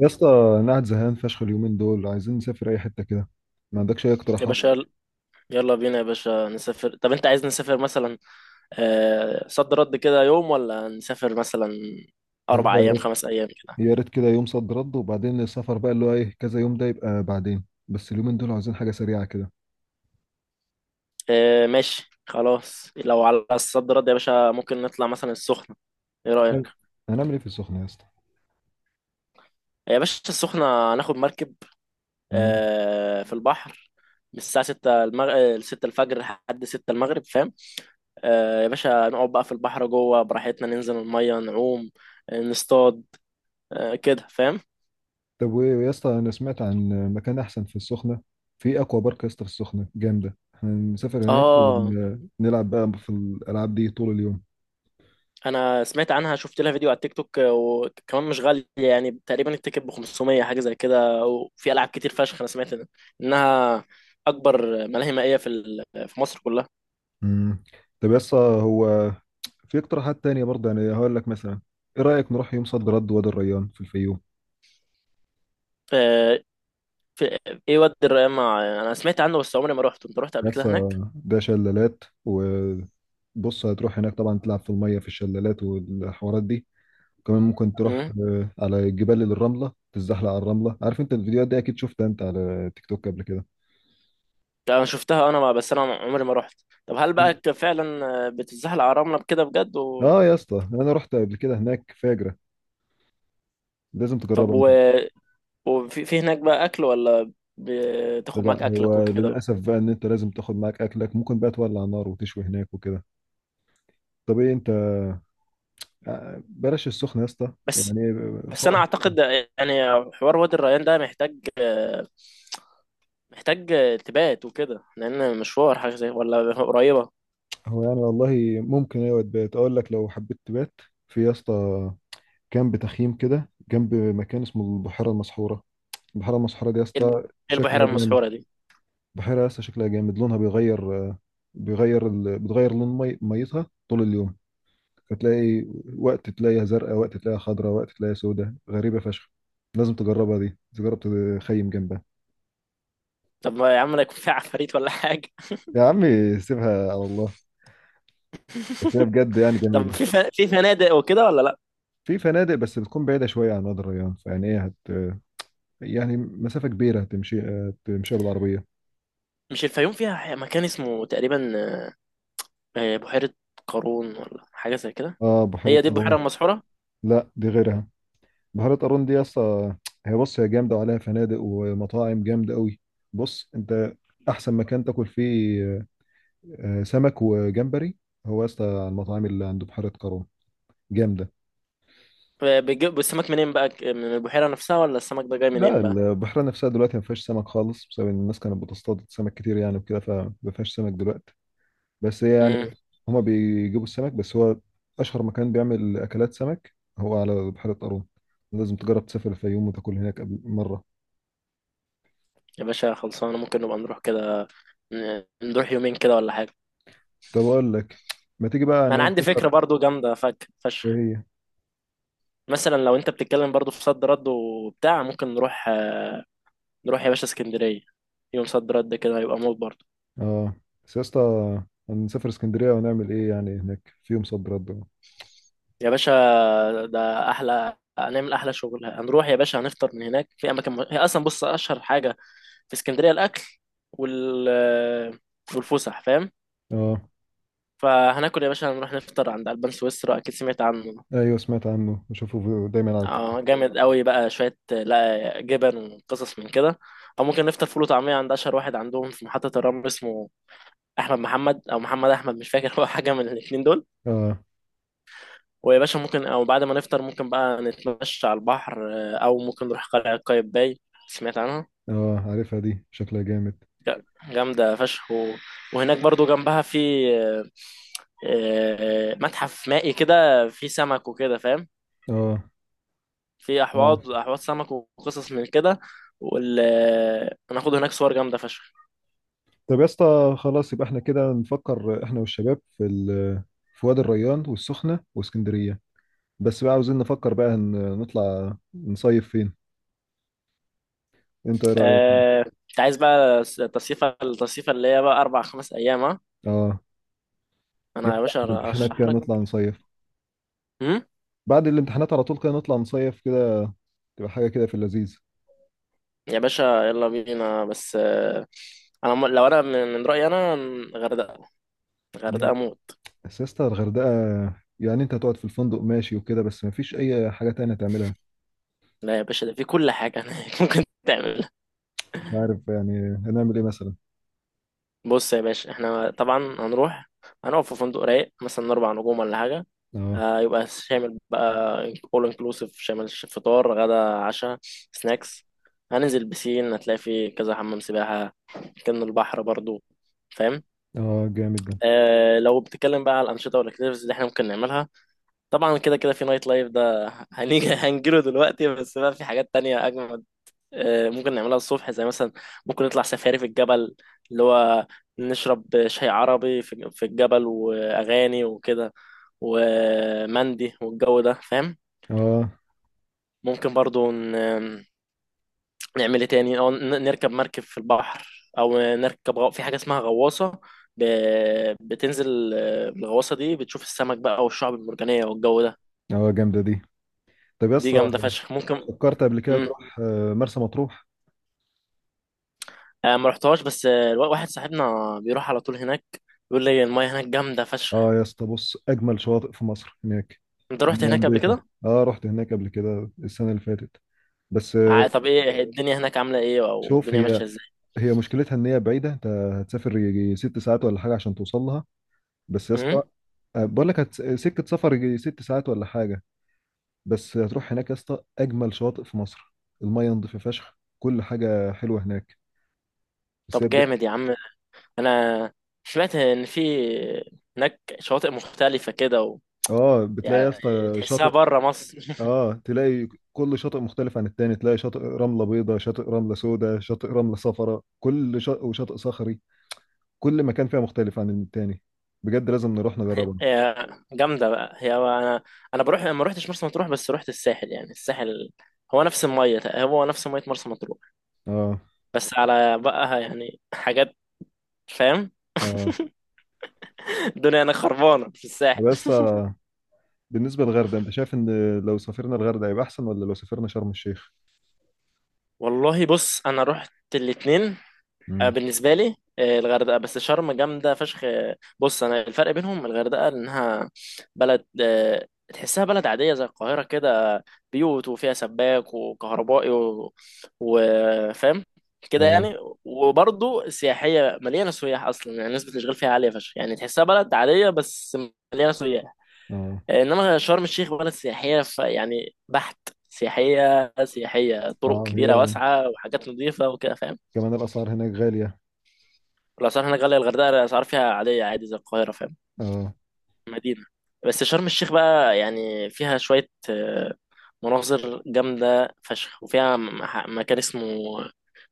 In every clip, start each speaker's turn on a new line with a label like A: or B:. A: يا اسطى، انا قاعد زهقان فشخ. اليومين دول عايزين نسافر اي حته كده. ما عندكش اي
B: يا
A: اقتراحات؟
B: باشا يلا يلا بينا يا باشا نسافر. طب انت عايز نسافر مثلا صد رد كده يوم، ولا نسافر مثلا اربع
A: والله يا
B: ايام
A: ريت.
B: 5 ايام كده؟
A: يا ريت كده يوم صد رد، وبعدين السفر بقى اللي هو ايه كذا يوم، ده يبقى بعدين. بس اليومين دول عايزين حاجه سريعه كده.
B: ماشي خلاص، لو على الصد رد يا باشا ممكن نطلع مثلا السخنة. ايه
A: هن-
B: رأيك؟
A: هنعمل ايه في السخنه يا اسطى؟
B: يا باشا السخنة هناخد مركب،
A: مم.
B: في البحر، من الساعة 6 6 الفجر لحد 6 المغرب فاهم. يا باشا نقعد بقى في البحر جوه براحتنا، ننزل المية نعوم، نصطاد، كده فاهم.
A: طب وايه يا اسطى، انا سمعت عن مكان احسن في السخنه، في اكوا بارك يا اسطى في السخنه جامده. هنسافر هناك
B: اه،
A: ونلعب بقى في الالعاب دي طول اليوم.
B: انا سمعت عنها، شفت لها فيديو على التيك توك، وكمان مش غاليه يعني. تقريبا التيكت ب 500 حاجه زي كده، وفي العاب كتير فشخ. انا سمعت انها اكبر ملاهي مائيه في في مصر كلها.
A: مم. طب يا اسطى، في اقتراحات تانية برضه؟ يعني هقول لك مثلا ايه رايك نروح يوم صد رد وادي الريان في الفيوم؟
B: آه، في ايه وادي الريان؟ مع انا سمعت عنه، بس عمري ما رحت. انت رحت قبل كده
A: بس
B: هناك؟
A: ده شلالات، وبص هتروح هناك طبعا تلعب في المية في الشلالات والحوارات دي. وكمان ممكن تروح
B: امم.
A: على جبال الرملة، تتزحلق على الرملة. عارف انت الفيديوهات دي اكيد شفتها انت على تيك توك قبل كده.
B: انا شفتها انا، بس انا عمري ما رحت. طب هل بقى فعلا بتتزحلق على الرمله بكده بجد
A: اه يا اسطى، انا رحت قبل كده هناك، فاجرة. لازم تجربها
B: طب
A: انت.
B: وفي في هناك بقى اكل، ولا بتاخد
A: لا
B: معاك اكلك
A: هو
B: وكده؟
A: للأسف بقى ان انت لازم تاخد معاك اكلك. ممكن بقى تولع نار وتشوي هناك وكده. طب ايه انت، بلاش السخنة يا اسطى
B: بس
A: يعني،
B: بس انا
A: فرح.
B: اعتقد، يعني حوار وادي الريان ده محتاج محتاج تبات وكده، لان مشوار حاجه زي ولا قريبه.
A: هو يعني والله ممكن، ايوه تبات. اقول لك لو حبيت تبات، في يا اسطى كامب تخييم كده جنب مكان اسمه البحيره المسحوره. البحيره المسحوره دي يا
B: ايه
A: اسطى
B: إيه البحيره
A: شكلها جامد.
B: المسحوره دي؟
A: بحيره يا اسطى شكلها جامد، لونها بيغير. بتغير لون ميتها طول اليوم. فتلاقي وقت تلاقيها زرقاء، وقت تلاقيها خضراء، وقت تلاقيها سوداء، غريبه فشخ. لازم تجربها دي، تجرب تخيم جنبها.
B: طب ما يا عم لا يكون فيها عفاريت ولا حاجه.
A: يا عمي سيبها على الله، بس هي بجد يعني جميله.
B: طب في في فنادق وكده ولا لا؟
A: في فنادق بس بتكون بعيده شويه عن وادي الريان، فيعني ايه هت، يعني مسافة كبيرة تمشي، تمشيها بالعربية.
B: مش الفيوم فيها مكان اسمه تقريبا بحيره قارون، ولا حاجه زي كده؟
A: اه، بحيرة
B: هي دي البحيره
A: قارون.
B: المسحوره؟
A: لا دي غيرها. بحيرة قارون دي اصلا هي، بص هي جامدة، وعليها فنادق ومطاعم جامدة قوي. بص انت احسن مكان تاكل فيه سمك وجمبري هو اصلا على المطاعم اللي عند بحيرة قارون. جامدة.
B: بيجيب السمك منين بقى، من البحيره نفسها، ولا السمك ده جاي
A: لا
B: منين بقى؟
A: البحيرة نفسها دلوقتي ما فيهاش سمك خالص، بسبب ان الناس كانت بتصطاد سمك كتير يعني وكده، فما فيهاش سمك دلوقتي. بس يعني
B: امم.
A: هما بيجيبوا السمك، بس هو اشهر مكان بيعمل اكلات سمك هو على بحيرة قارون. لازم تجرب تسافر الفيوم وتاكل هناك قبل مرة.
B: يا باشا خلصانه، ممكن نبقى نروح كده، نروح يومين كده ولا حاجه.
A: طب اقول لك، ما تيجي بقى
B: ما
A: يعني
B: انا
A: إيه
B: عندي فكره
A: نفكر.
B: برضو جامده فك
A: ايه
B: فشخ.
A: هي؟
B: مثلا لو انت بتتكلم برضو في صد رد وبتاع، ممكن نروح نروح يا باشا اسكندريه. يوم صد رد كده هيبقى موت برضو.
A: اه، بس يا اسطى هنسافر اسكندرية ونعمل ايه يعني هناك في يوم صد رد؟
B: يا باشا ده احلى، هنعمل احلى شغل. هنروح يا باشا هنفطر من هناك في اماكن هي اصلا بص اشهر حاجه في اسكندريه الاكل وال والفسح فاهم.
A: اه،
B: فهناكل يا باشا، هنروح نفطر عند البان سويسرا، اكيد سمعت عنه.
A: ايوه سمعت عنه، دايما على التلفزيون.
B: اه، جامد قوي بقى، شويه لا جبن وقصص من كده. او ممكن نفطر فول وطعميه عند اشهر واحد عندهم في محطه الرمل، اسمه احمد محمد او محمد احمد، مش فاكر. هو حاجه من الاثنين دول.
A: اه.
B: ويا باشا ممكن، او بعد ما نفطر ممكن بقى نتمشى على البحر، او ممكن نروح قلعه قايتباي، سمعت عنها،
A: اه عارفها، دي شكلها جامد.
B: جامده فشخ وهناك برضو جنبها في آه، متحف مائي كده، فيه سمك وكده فاهم،
A: اه.
B: في
A: عارف.
B: احواض احواض سمك وقصص من كده. هناخد هناك صور جامده فشخ.
A: طب يا اسطى خلاص، يبقى احنا كده نفكر احنا والشباب في في وادي الريان والسخنة واسكندرية. بس بقى عاوزين نفكر بقى، نطلع نصيف فين؟ انت ايه رأيك؟
B: انت عايز بقى التصيفة التصيفة اللي هي بقى 4 5 أيام، ها؟
A: اه،
B: أنا
A: يعني
B: يا
A: بعد
B: باشا
A: الامتحانات
B: أشرح
A: كده
B: لك.
A: نطلع نصيف.
B: هم؟
A: بعد الامتحانات على طول كده نطلع نصيف كده، تبقى حاجة كده في اللذيذ.
B: يا باشا يلا بينا. بس أنا لو أنا من من رأيي أنا غردقة. غردقة
A: يعني
B: موت.
A: سياسة الغردقة، يعني انت هتقعد في الفندق ماشي وكده، بس مفيش اي حاجة تانية تعملها.
B: لا يا باشا ده في كل حاجة هناك. ممكن.
A: مش عارف يعني هنعمل ايه مثلا.
B: بص يا باشا احنا طبعا هنروح، هنقف في فندق رايق مثلا 4 نجوم ولا حاجه.
A: اه.
B: آه، يبقى شامل بقى، اول انكلوسيف، شامل فطار غدا عشاء، سناكس. هننزل بسين، هتلاقي فيه كذا حمام سباحه، كان البحر برضو فاهم.
A: اه جامد ده.
B: آه، لو بتتكلم بقى على الانشطه والاكتيفيتيز اللي احنا ممكن نعملها، طبعا كده كده في نايت لايف، ده هنيجي، هنجيله دلوقتي. بس بقى في حاجات تانية اجمل ممكن نعملها الصبح زي مثلا، ممكن نطلع سفاري في الجبل، اللي هو نشرب شاي عربي في في الجبل، وأغاني وكده، ومندي والجو ده فاهم.
A: اه.
B: ممكن برضو نعمل ايه تاني، أو نركب مركب في البحر، أو نركب في حاجة اسمها غواصة. ب... بتنزل الغواصة دي، بتشوف السمك بقى والشعب المرجانية والجو ده.
A: اه جامدة دي. طب يا
B: دي
A: اسطى،
B: جامدة فشخ، ممكن.
A: فكرت قبل كده
B: مم.
A: تروح مرسى مطروح؟
B: ما رحتهاش، بس واحد صاحبنا بيروح على طول هناك، بيقول لي المايه هناك جامدة فشخ.
A: اه يا اسطى بص اجمل شواطئ في مصر هناك.
B: انت رحت
A: مياه
B: هناك قبل
A: نظيفة.
B: كده؟
A: اه رحت هناك قبل كده السنة اللي فاتت. بس
B: طب ايه الدنيا هناك عاملة ايه، او
A: شوف
B: الدنيا
A: هي،
B: ماشية ازاي؟
A: هي مشكلتها ان هي بعيدة. انت هتسافر يجي ست ساعات ولا حاجة عشان توصل لها. بس يا
B: امم.
A: اسطى بقول لك سكة سفر يجي ست ساعات ولا حاجة. بس هتروح هناك يا اسطى، اجمل شواطئ في مصر، المية نظيفة فشخ، كل حاجة حلوة هناك. بس هي
B: طب
A: بجد-
B: جامد يا عم، انا سمعت ان في هناك شواطئ مختلفة كده
A: اه، بتلاقي يا
B: يعني
A: اسطى
B: تحسها
A: شاطئ.
B: بره مصر.
A: اه، تلاقي كل شاطئ مختلف عن التاني. تلاقي شاطئ رملة بيضاء، شاطئ رملة سوداء، شاطئ رملة صفراء، كل شاطئ، وشاطئ صخري. كل مكان فيها مختلف عن التاني. بجد لازم نروح نجربها.
B: هي جامدة بقى. هي انا بروح ما روحتش مرسى مطروح، بس روحت الساحل. يعني الساحل هو نفس المية، هو نفس مية مرسى مطروح،
A: اه.
B: بس على بقى يعني حاجات فاهم.
A: اه
B: الدنيا انا خربانة في الساحل.
A: بس آه. بالنسبة للغردقة، انت شايف ان لو سافرنا الغردقة هيبقى احسن، ولا لو سافرنا شرم الشيخ؟
B: والله بص انا رحت الاتنين.
A: امم.
B: بالنسبه لي الغردقه، بس شرم جامده فشخ. بص انا الفرق بينهم، الغردقه انها بلد، تحسها بلد عاديه زي القاهره كده، بيوت وفيها سباك وكهربائي وفاهم كده
A: اه.
B: يعني. وبرضه سياحيه، مليانه سياح اصلا، يعني نسبه الاشغال فيها عاليه فشخ، يعني تحسها بلد عاديه بس مليانه سياح.
A: اه.
B: انما شرم الشيخ بلد سياحيه يعني بحت، سياحيه سياحيه، طرق
A: اه هي،
B: كبيره واسعه وحاجات نظيفه وكده فاهم.
A: كمان الاسعار هناك غالية.
B: الأسعار هناك غالية، الغردقة الأسعار فيها عادية، عادي زي القاهرة فاهم.
A: اه.
B: مدينة، بس شرم الشيخ بقى يعني فيها شوية مناظر جامدة فشخ، وفيها مكان اسمه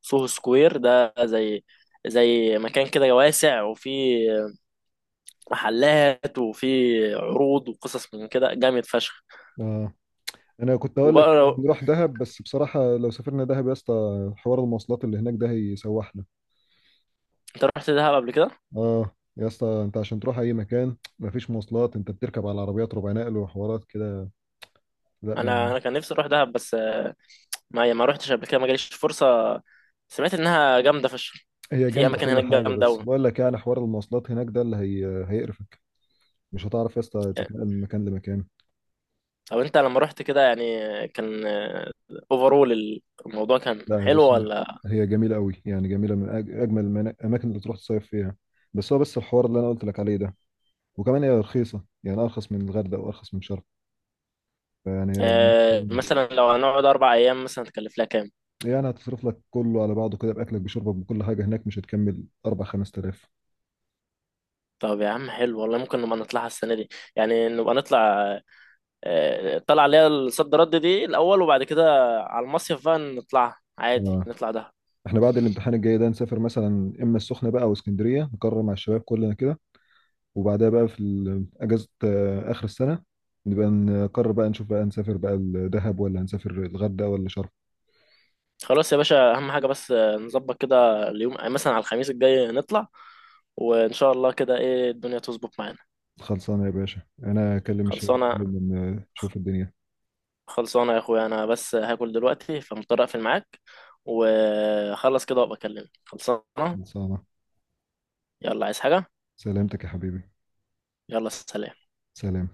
B: سوهو سكوير، ده زي مكان كده واسع، وفيه محلات وفيه عروض وقصص من كده، جامد فشخ.
A: اه، انا كنت اقول
B: وبقى
A: لك
B: لو
A: نروح دهب، بس بصراحة لو سافرنا دهب يا اسطى، حوار المواصلات اللي هناك ده هيسوحنا.
B: انت رحت دهب قبل كده،
A: اه يا اسطى، انت عشان تروح اي مكان مفيش مواصلات. انت بتركب على عربيات ربع نقل وحوارات كده. لا
B: انا
A: ما
B: انا كان نفسي اروح دهب، بس ما ما روحتش قبل كده، ما جاليش فرصة. سمعت انها جامدة فشخ،
A: هي
B: في
A: جنب
B: اماكن
A: كل
B: هناك
A: حاجة،
B: جامدة
A: بس
B: قوي.
A: بقول لك يعني حوار المواصلات هناك ده اللي هي هيقرفك. مش هتعرف يا اسطى تتنقل من مكان لمكان.
B: طب انت لما رحت كده يعني كان اوفرول الموضوع كان
A: لا هي
B: حلو
A: بص،
B: ولا؟
A: هي جميلة قوي، يعني جميلة من أجمل الأماكن اللي تروح تصيف فيها. بس هو بس الحوار اللي أنا قلت لك عليه ده. وكمان هي رخيصة، يعني أرخص من الغردقة وأرخص من شرم. فيعني بالنسبة لي-
B: مثلا لو هنقعد 4 ايام مثلا تكلف لها كام؟
A: يعني هتصرف لك كله على بعضه كده، بأكلك بشربك بكل حاجة هناك، مش هتكمل 4 5000.
B: طب يا عم حلو والله، ممكن نبقى نطلعها السنه دي، يعني نبقى نطلع طلع اللي هي الصد رد دي الاول، وبعد كده على المصيف بقى نطلعها عادي
A: آه.
B: نطلع ده.
A: احنا بعد الامتحان الجاي ده نسافر مثلا إما السخنة بقى أو اسكندرية، نقرر مع الشباب كلنا كده. وبعدها بقى في اجازه اخر السنه، نبقى نقرر بقى، نشوف بقى، نسافر بقى الدهب ولا هنسافر الغردقه ولا شرم.
B: خلاص يا باشا، اهم حاجه بس نظبط كده اليوم مثلا على الخميس الجاي نطلع، وان شاء الله كده ايه الدنيا تظبط معانا.
A: خلصانه يا باشا، انا اكلم الشباب
B: خلصانه.
A: كلهم، نشوف الدنيا.
B: خلصانة يا اخويا، انا بس هاكل دلوقتي فمضطر اقفل معاك، وخلص كده وابقى اكلمك. خلصانة.
A: خلصانه.
B: يلا عايز حاجة؟
A: سلامتك يا حبيبي.
B: يلا سلام.
A: سلام.